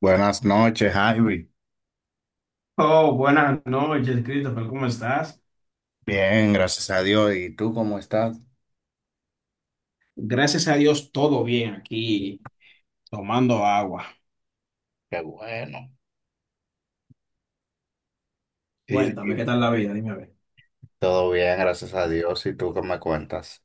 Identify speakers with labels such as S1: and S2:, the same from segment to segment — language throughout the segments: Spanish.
S1: Buenas noches, Ivy.
S2: Oh, buenas noches, Christopher, ¿cómo estás?
S1: Bien, gracias a Dios. ¿Y tú cómo estás?
S2: Gracias a Dios, todo bien aquí, tomando agua.
S1: Qué bueno. Y,
S2: Cuéntame,
S1: y
S2: ¿qué tal la vida? Dime a ver.
S1: Todo bien, gracias a Dios. ¿Y tú qué me cuentas?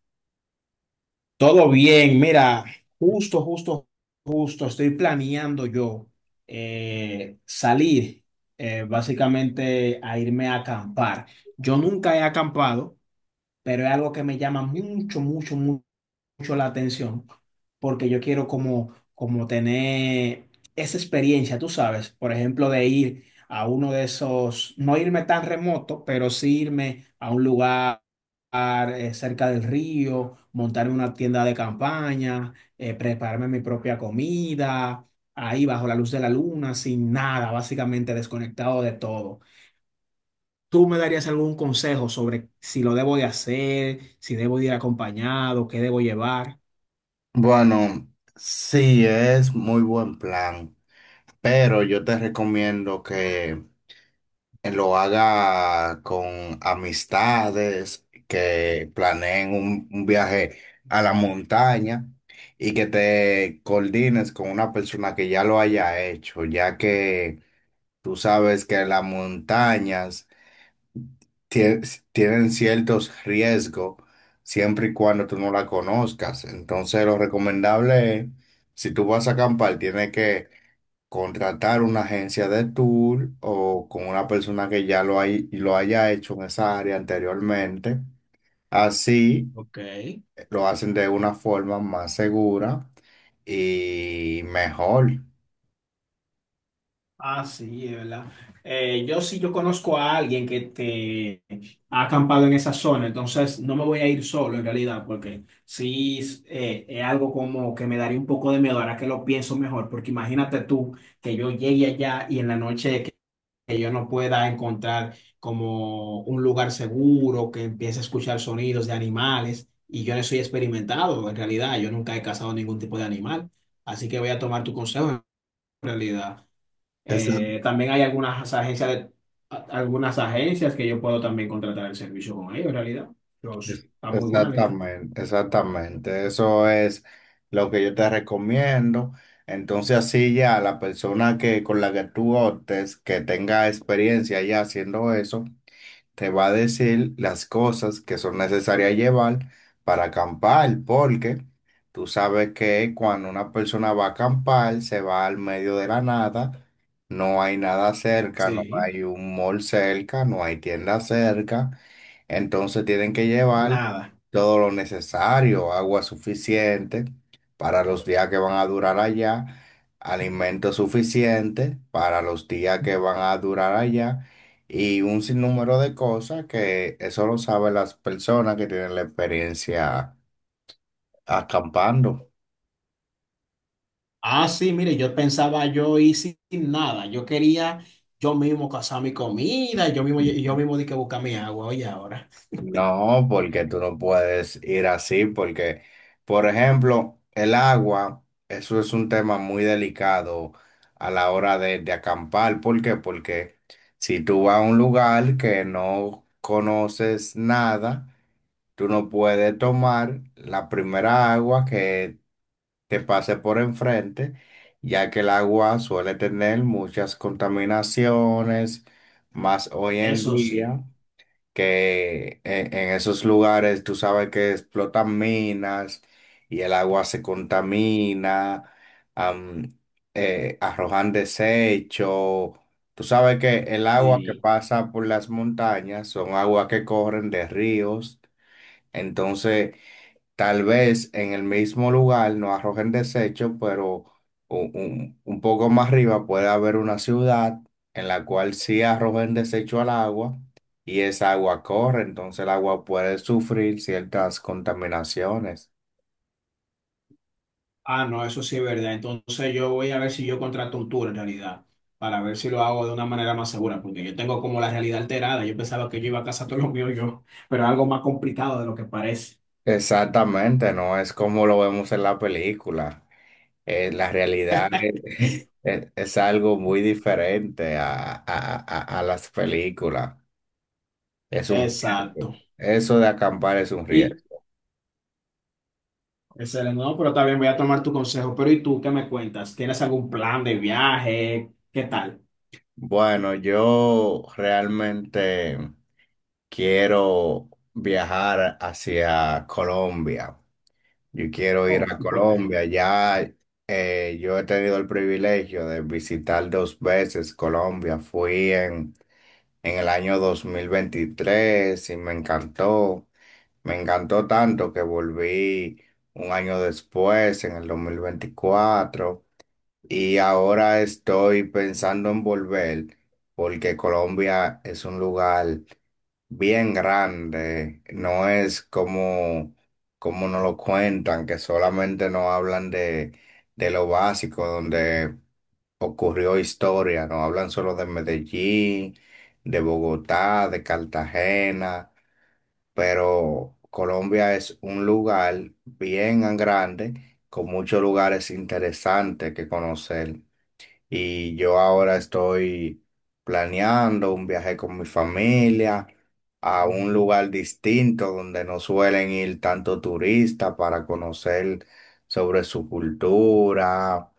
S2: Todo bien, mira, justo, justo, justo, estoy planeando yo salir básicamente a irme a acampar. Yo nunca he acampado, pero es algo que me llama mucho, mucho la atención, porque yo quiero como tener esa experiencia, tú sabes, por ejemplo, de ir a uno de esos, no irme tan remoto, pero sí irme a un lugar cerca del río, montarme una tienda de campaña, prepararme mi propia comida, ahí bajo la luz de la luna, sin nada, básicamente desconectado de todo. ¿Tú me darías algún consejo sobre si lo debo de hacer, si debo de ir acompañado, qué debo llevar?
S1: Bueno, sí, es muy buen plan, pero yo te recomiendo que lo haga con amistades, que planeen un viaje a la montaña y que te coordines con una persona que ya lo haya hecho, ya que... Tú sabes que las montañas tie- tienen ciertos riesgos siempre y cuando tú no la conozcas. Entonces, lo recomendable es, si tú vas a acampar, tienes que contratar una agencia de tour o con una persona que ya lo haya hecho en esa área anteriormente. Así
S2: Ok.
S1: lo hacen de una forma más segura y mejor.
S2: Ah, sí, es verdad. Yo sí, yo conozco a alguien que te ha acampado en esa zona, entonces no me voy a ir solo en realidad, porque sí es algo como que me daría un poco de miedo ahora que lo pienso mejor, porque imagínate tú que yo llegue allá y en la noche que yo no pueda encontrar como un lugar seguro, que empiece a escuchar sonidos de animales. Y yo no soy experimentado, en realidad, yo nunca he cazado ningún tipo de animal. Así que voy a tomar tu consejo, en realidad. También hay algunas agencias que yo puedo también contratar el servicio con ellos, en realidad. Está muy buena la idea.
S1: Exactamente, exactamente. Eso es lo que yo te recomiendo. Entonces así ya la persona que con la que tú optes, que tenga experiencia ya haciendo eso, te va a decir las cosas que son necesarias llevar para acampar, porque tú sabes que cuando una persona va a acampar, se va al medio de la nada, no hay nada cerca, no
S2: Sí,
S1: hay un mall cerca, no hay tienda cerca. Entonces tienen que llevar
S2: nada.
S1: todo lo necesario, agua suficiente para los días que van a durar allá, alimento suficiente para los días que van a durar allá y un sinnúmero de cosas que eso lo saben las personas que tienen la experiencia acampando.
S2: Ah, sí, mire, yo pensaba yo ir sin nada. Yo quería yo mismo cazar mi comida, yo mismo di que buscar mi agua, oye, ahora.
S1: No, porque tú no puedes ir así, porque, por ejemplo, el agua, eso es un tema muy delicado a la hora de acampar. ¿Por qué? Porque si tú vas a un lugar que no conoces nada, tú no puedes tomar la primera agua que te pase por enfrente, ya que el agua suele tener muchas contaminaciones, más hoy en
S2: Eso sí.
S1: día que en esos lugares tú sabes que explotan minas y el agua se contamina, am, arrojan desechos. Tú sabes que el agua que
S2: Y,
S1: pasa por las montañas son aguas que corren de ríos. Entonces, tal vez en el mismo lugar no arrojen desecho, pero un poco más arriba puede haber una ciudad en la cual sí arrojen desecho al agua y esa agua corre, entonces el agua puede sufrir ciertas contaminaciones.
S2: ah, no, eso sí es verdad. Entonces yo voy a ver si yo contrato un tour en realidad, para ver si lo hago de una manera más segura, porque yo tengo como la realidad alterada. Yo pensaba que yo iba a cazar todo lo mío yo, pero es algo más complicado de lo que parece.
S1: Exactamente, no es como lo vemos en la película. La realidad es, es algo muy diferente a las películas. Es un
S2: Exacto.
S1: riesgo. Eso de acampar es un
S2: Y
S1: riesgo.
S2: Excelente, no, pero también voy a tomar tu consejo. Pero ¿y tú qué me cuentas? ¿Tienes algún plan de viaje? ¿Qué tal?
S1: Bueno, yo realmente quiero viajar hacia Colombia. Yo quiero ir
S2: Oh,
S1: a
S2: ¿y por qué?
S1: Colombia. Ya yo he tenido el privilegio de visitar dos veces Colombia. Fui en el año 2023 y me encantó. Me encantó tanto que volví un año después, en el 2024. Y ahora estoy pensando en volver porque Colombia es un lugar bien grande. No es como, como nos lo cuentan, que solamente nos hablan de lo básico, donde ocurrió historia. Nos hablan solo de Medellín, de Bogotá, de Cartagena. Pero Colombia es un lugar bien grande, con muchos lugares interesantes que conocer. Y yo ahora estoy planeando un viaje con mi familia a un lugar distinto donde no suelen ir tanto turistas para conocer sobre su cultura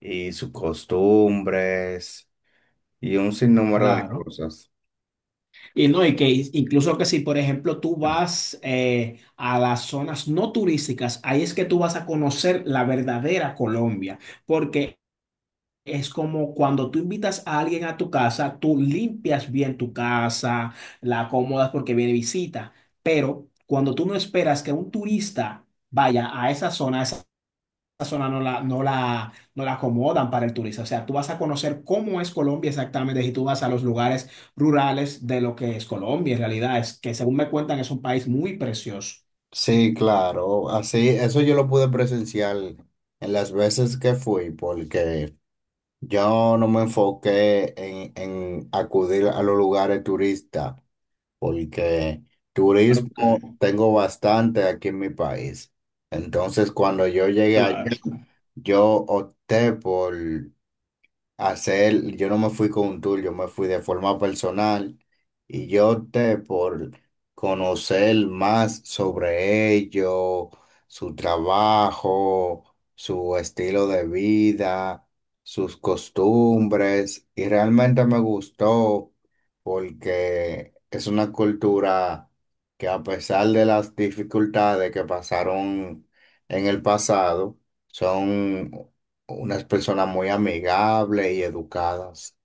S1: y sus costumbres y un sinnúmero de
S2: Claro.
S1: cosas.
S2: Y no, y que incluso que si, por ejemplo, tú vas a las zonas no turísticas, ahí es que tú vas a conocer la verdadera Colombia, porque es como cuando tú invitas a alguien a tu casa, tú limpias bien tu casa, la acomodas porque viene visita, pero cuando tú no esperas que un turista vaya a esa zona, zona no la acomodan para el turista. O sea, tú vas a conocer cómo es Colombia exactamente y tú vas a los lugares rurales de lo que es Colombia. En realidad es que, según me cuentan, es un país muy precioso.
S1: Sí, claro, así, eso yo lo pude presenciar en las veces que fui, porque yo no me enfoqué en acudir a los lugares turistas, porque
S2: Ok,
S1: turismo tengo bastante aquí en mi país. Entonces, cuando yo llegué allá,
S2: claro.
S1: yo opté por hacer, yo no me fui con un tour, yo me fui de forma personal y yo opté por conocer más sobre ellos, su trabajo, su estilo de vida, sus costumbres y realmente me gustó porque es una cultura que a pesar de las dificultades que pasaron en el pasado, son unas personas muy amigables y educadas.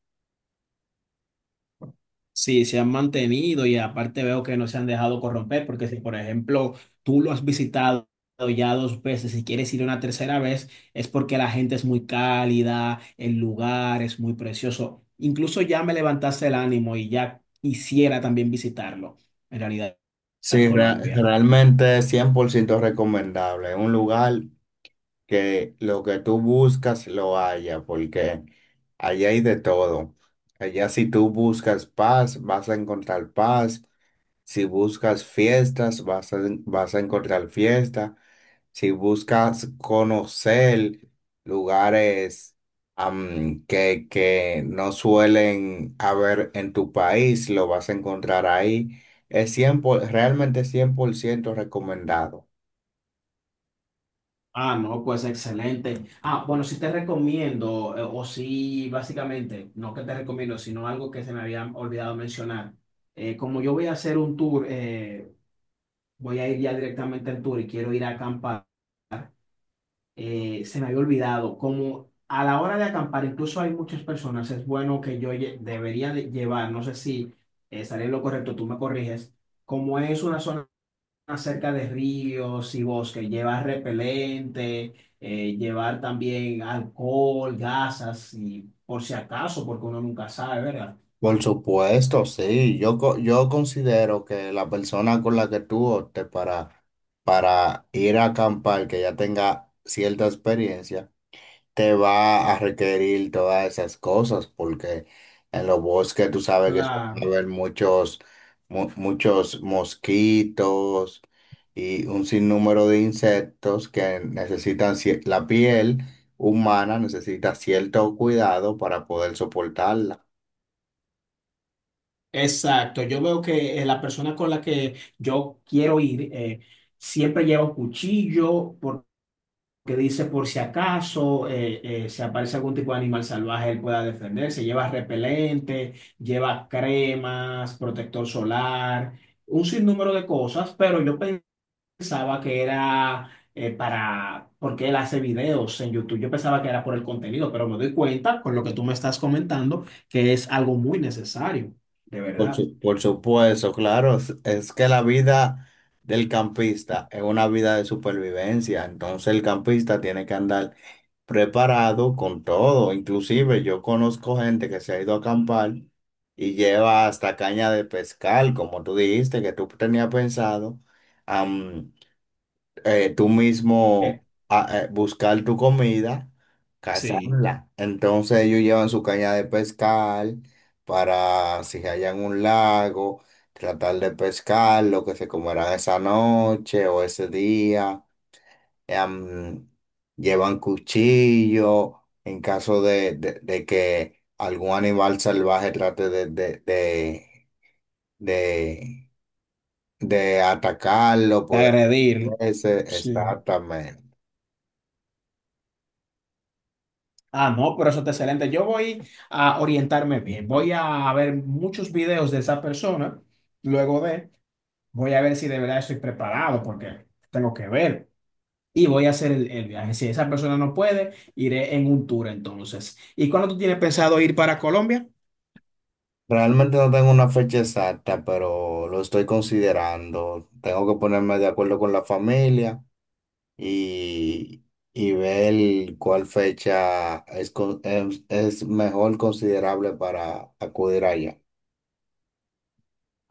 S2: Sí, se han mantenido y aparte veo que no se han dejado corromper, porque si, por ejemplo, tú lo has visitado ya dos veces y quieres ir una tercera vez, es porque la gente es muy cálida, el lugar es muy precioso. Incluso ya me levantaste el ánimo y ya quisiera también visitarlo, en realidad,
S1: Sí,
S2: Colombia.
S1: realmente es 100% recomendable. Es un lugar que lo que tú buscas lo haya, porque allá hay de todo. Allá si tú buscas paz, vas a encontrar paz. Si buscas fiestas, vas a encontrar fiesta. Si buscas conocer lugares que no suelen haber en tu país, lo vas a encontrar ahí. Es realmente 100% recomendado.
S2: Ah, no, pues excelente. Ah, bueno, sí te recomiendo, o sí, básicamente, no que te recomiendo, sino algo que se me había olvidado mencionar como yo voy a hacer un tour, voy a ir ya directamente al tour y quiero ir a acampar. Se me había olvidado, como a la hora de acampar, incluso hay muchas personas, es bueno que yo debería de llevar, no sé si estaré lo correcto, tú me corriges, como es una zona cerca de ríos y bosques, llevar repelente, llevar también alcohol, gasas, y por si acaso, porque uno nunca sabe, ¿verdad?
S1: Por supuesto, sí. Yo considero que la persona con la que tú optes para ir a acampar, que ya tenga cierta experiencia, te va a requerir todas esas cosas, porque en los bosques tú sabes que suelen
S2: Claro.
S1: haber muchos mosquitos y un sinnúmero de insectos que necesitan, la piel humana necesita cierto cuidado para poder soportarla.
S2: Exacto, yo veo que la persona con la que yo quiero ir siempre lleva un cuchillo porque dice por si acaso se aparece algún tipo de animal salvaje, él pueda defenderse, lleva repelente, lleva cremas, protector solar, un sinnúmero de cosas, pero yo pensaba que era porque él hace videos en YouTube, yo pensaba que era por el contenido, pero me doy cuenta con lo que tú me estás comentando que es algo muy necesario, de verdad.
S1: Por supuesto, claro, es que la vida del campista es una vida de supervivencia, entonces el campista tiene que andar preparado con todo. Inclusive yo conozco gente que se ha ido a acampar y lleva hasta caña de pescar, como tú dijiste, que tú tenías pensado, am, tú mismo buscar tu comida,
S2: Sí,
S1: cazarla. Entonces ellos llevan su caña de pescar para si hallan un lago, tratar de pescar lo que se comerán esa noche o ese día, em, llevan cuchillo en caso de que algún animal salvaje trate de- de atacarlo,
S2: de
S1: poder
S2: agredir.
S1: ese
S2: Sí.
S1: exactamente.
S2: Ah, no, pero eso está excelente. Yo voy a orientarme bien. Voy a ver muchos videos de esa persona. Luego de, voy a ver si de verdad estoy preparado porque tengo que ver. Y voy a hacer el viaje. Si esa persona no puede, iré en un tour entonces. ¿Y cuándo tú tienes pensado ir para Colombia?
S1: Realmente no tengo una fecha exacta, pero lo estoy considerando. Tengo que ponerme de acuerdo con la familia y, y ver cuál fecha es, es mejor considerable para acudir allá.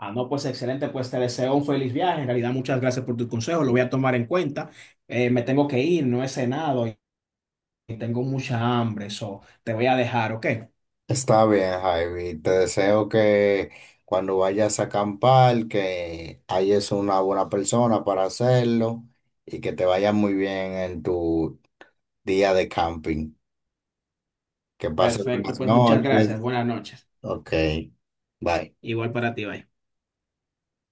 S2: Ah, no, pues excelente. Pues te deseo un feliz viaje. En realidad, muchas gracias por tu consejo. Lo voy a tomar en cuenta. Me tengo que ir, no he cenado y tengo mucha hambre. So, te voy a dejar, ¿ok?
S1: Está bien, Javi. Te deseo que cuando vayas a acampar, que hayas una buena persona para hacerlo y que te vaya muy bien en tu día de camping. Que pases
S2: Perfecto,
S1: buenas
S2: pues muchas
S1: noches.
S2: gracias. Buenas noches.
S1: Ok. Bye.
S2: Igual para ti, bye.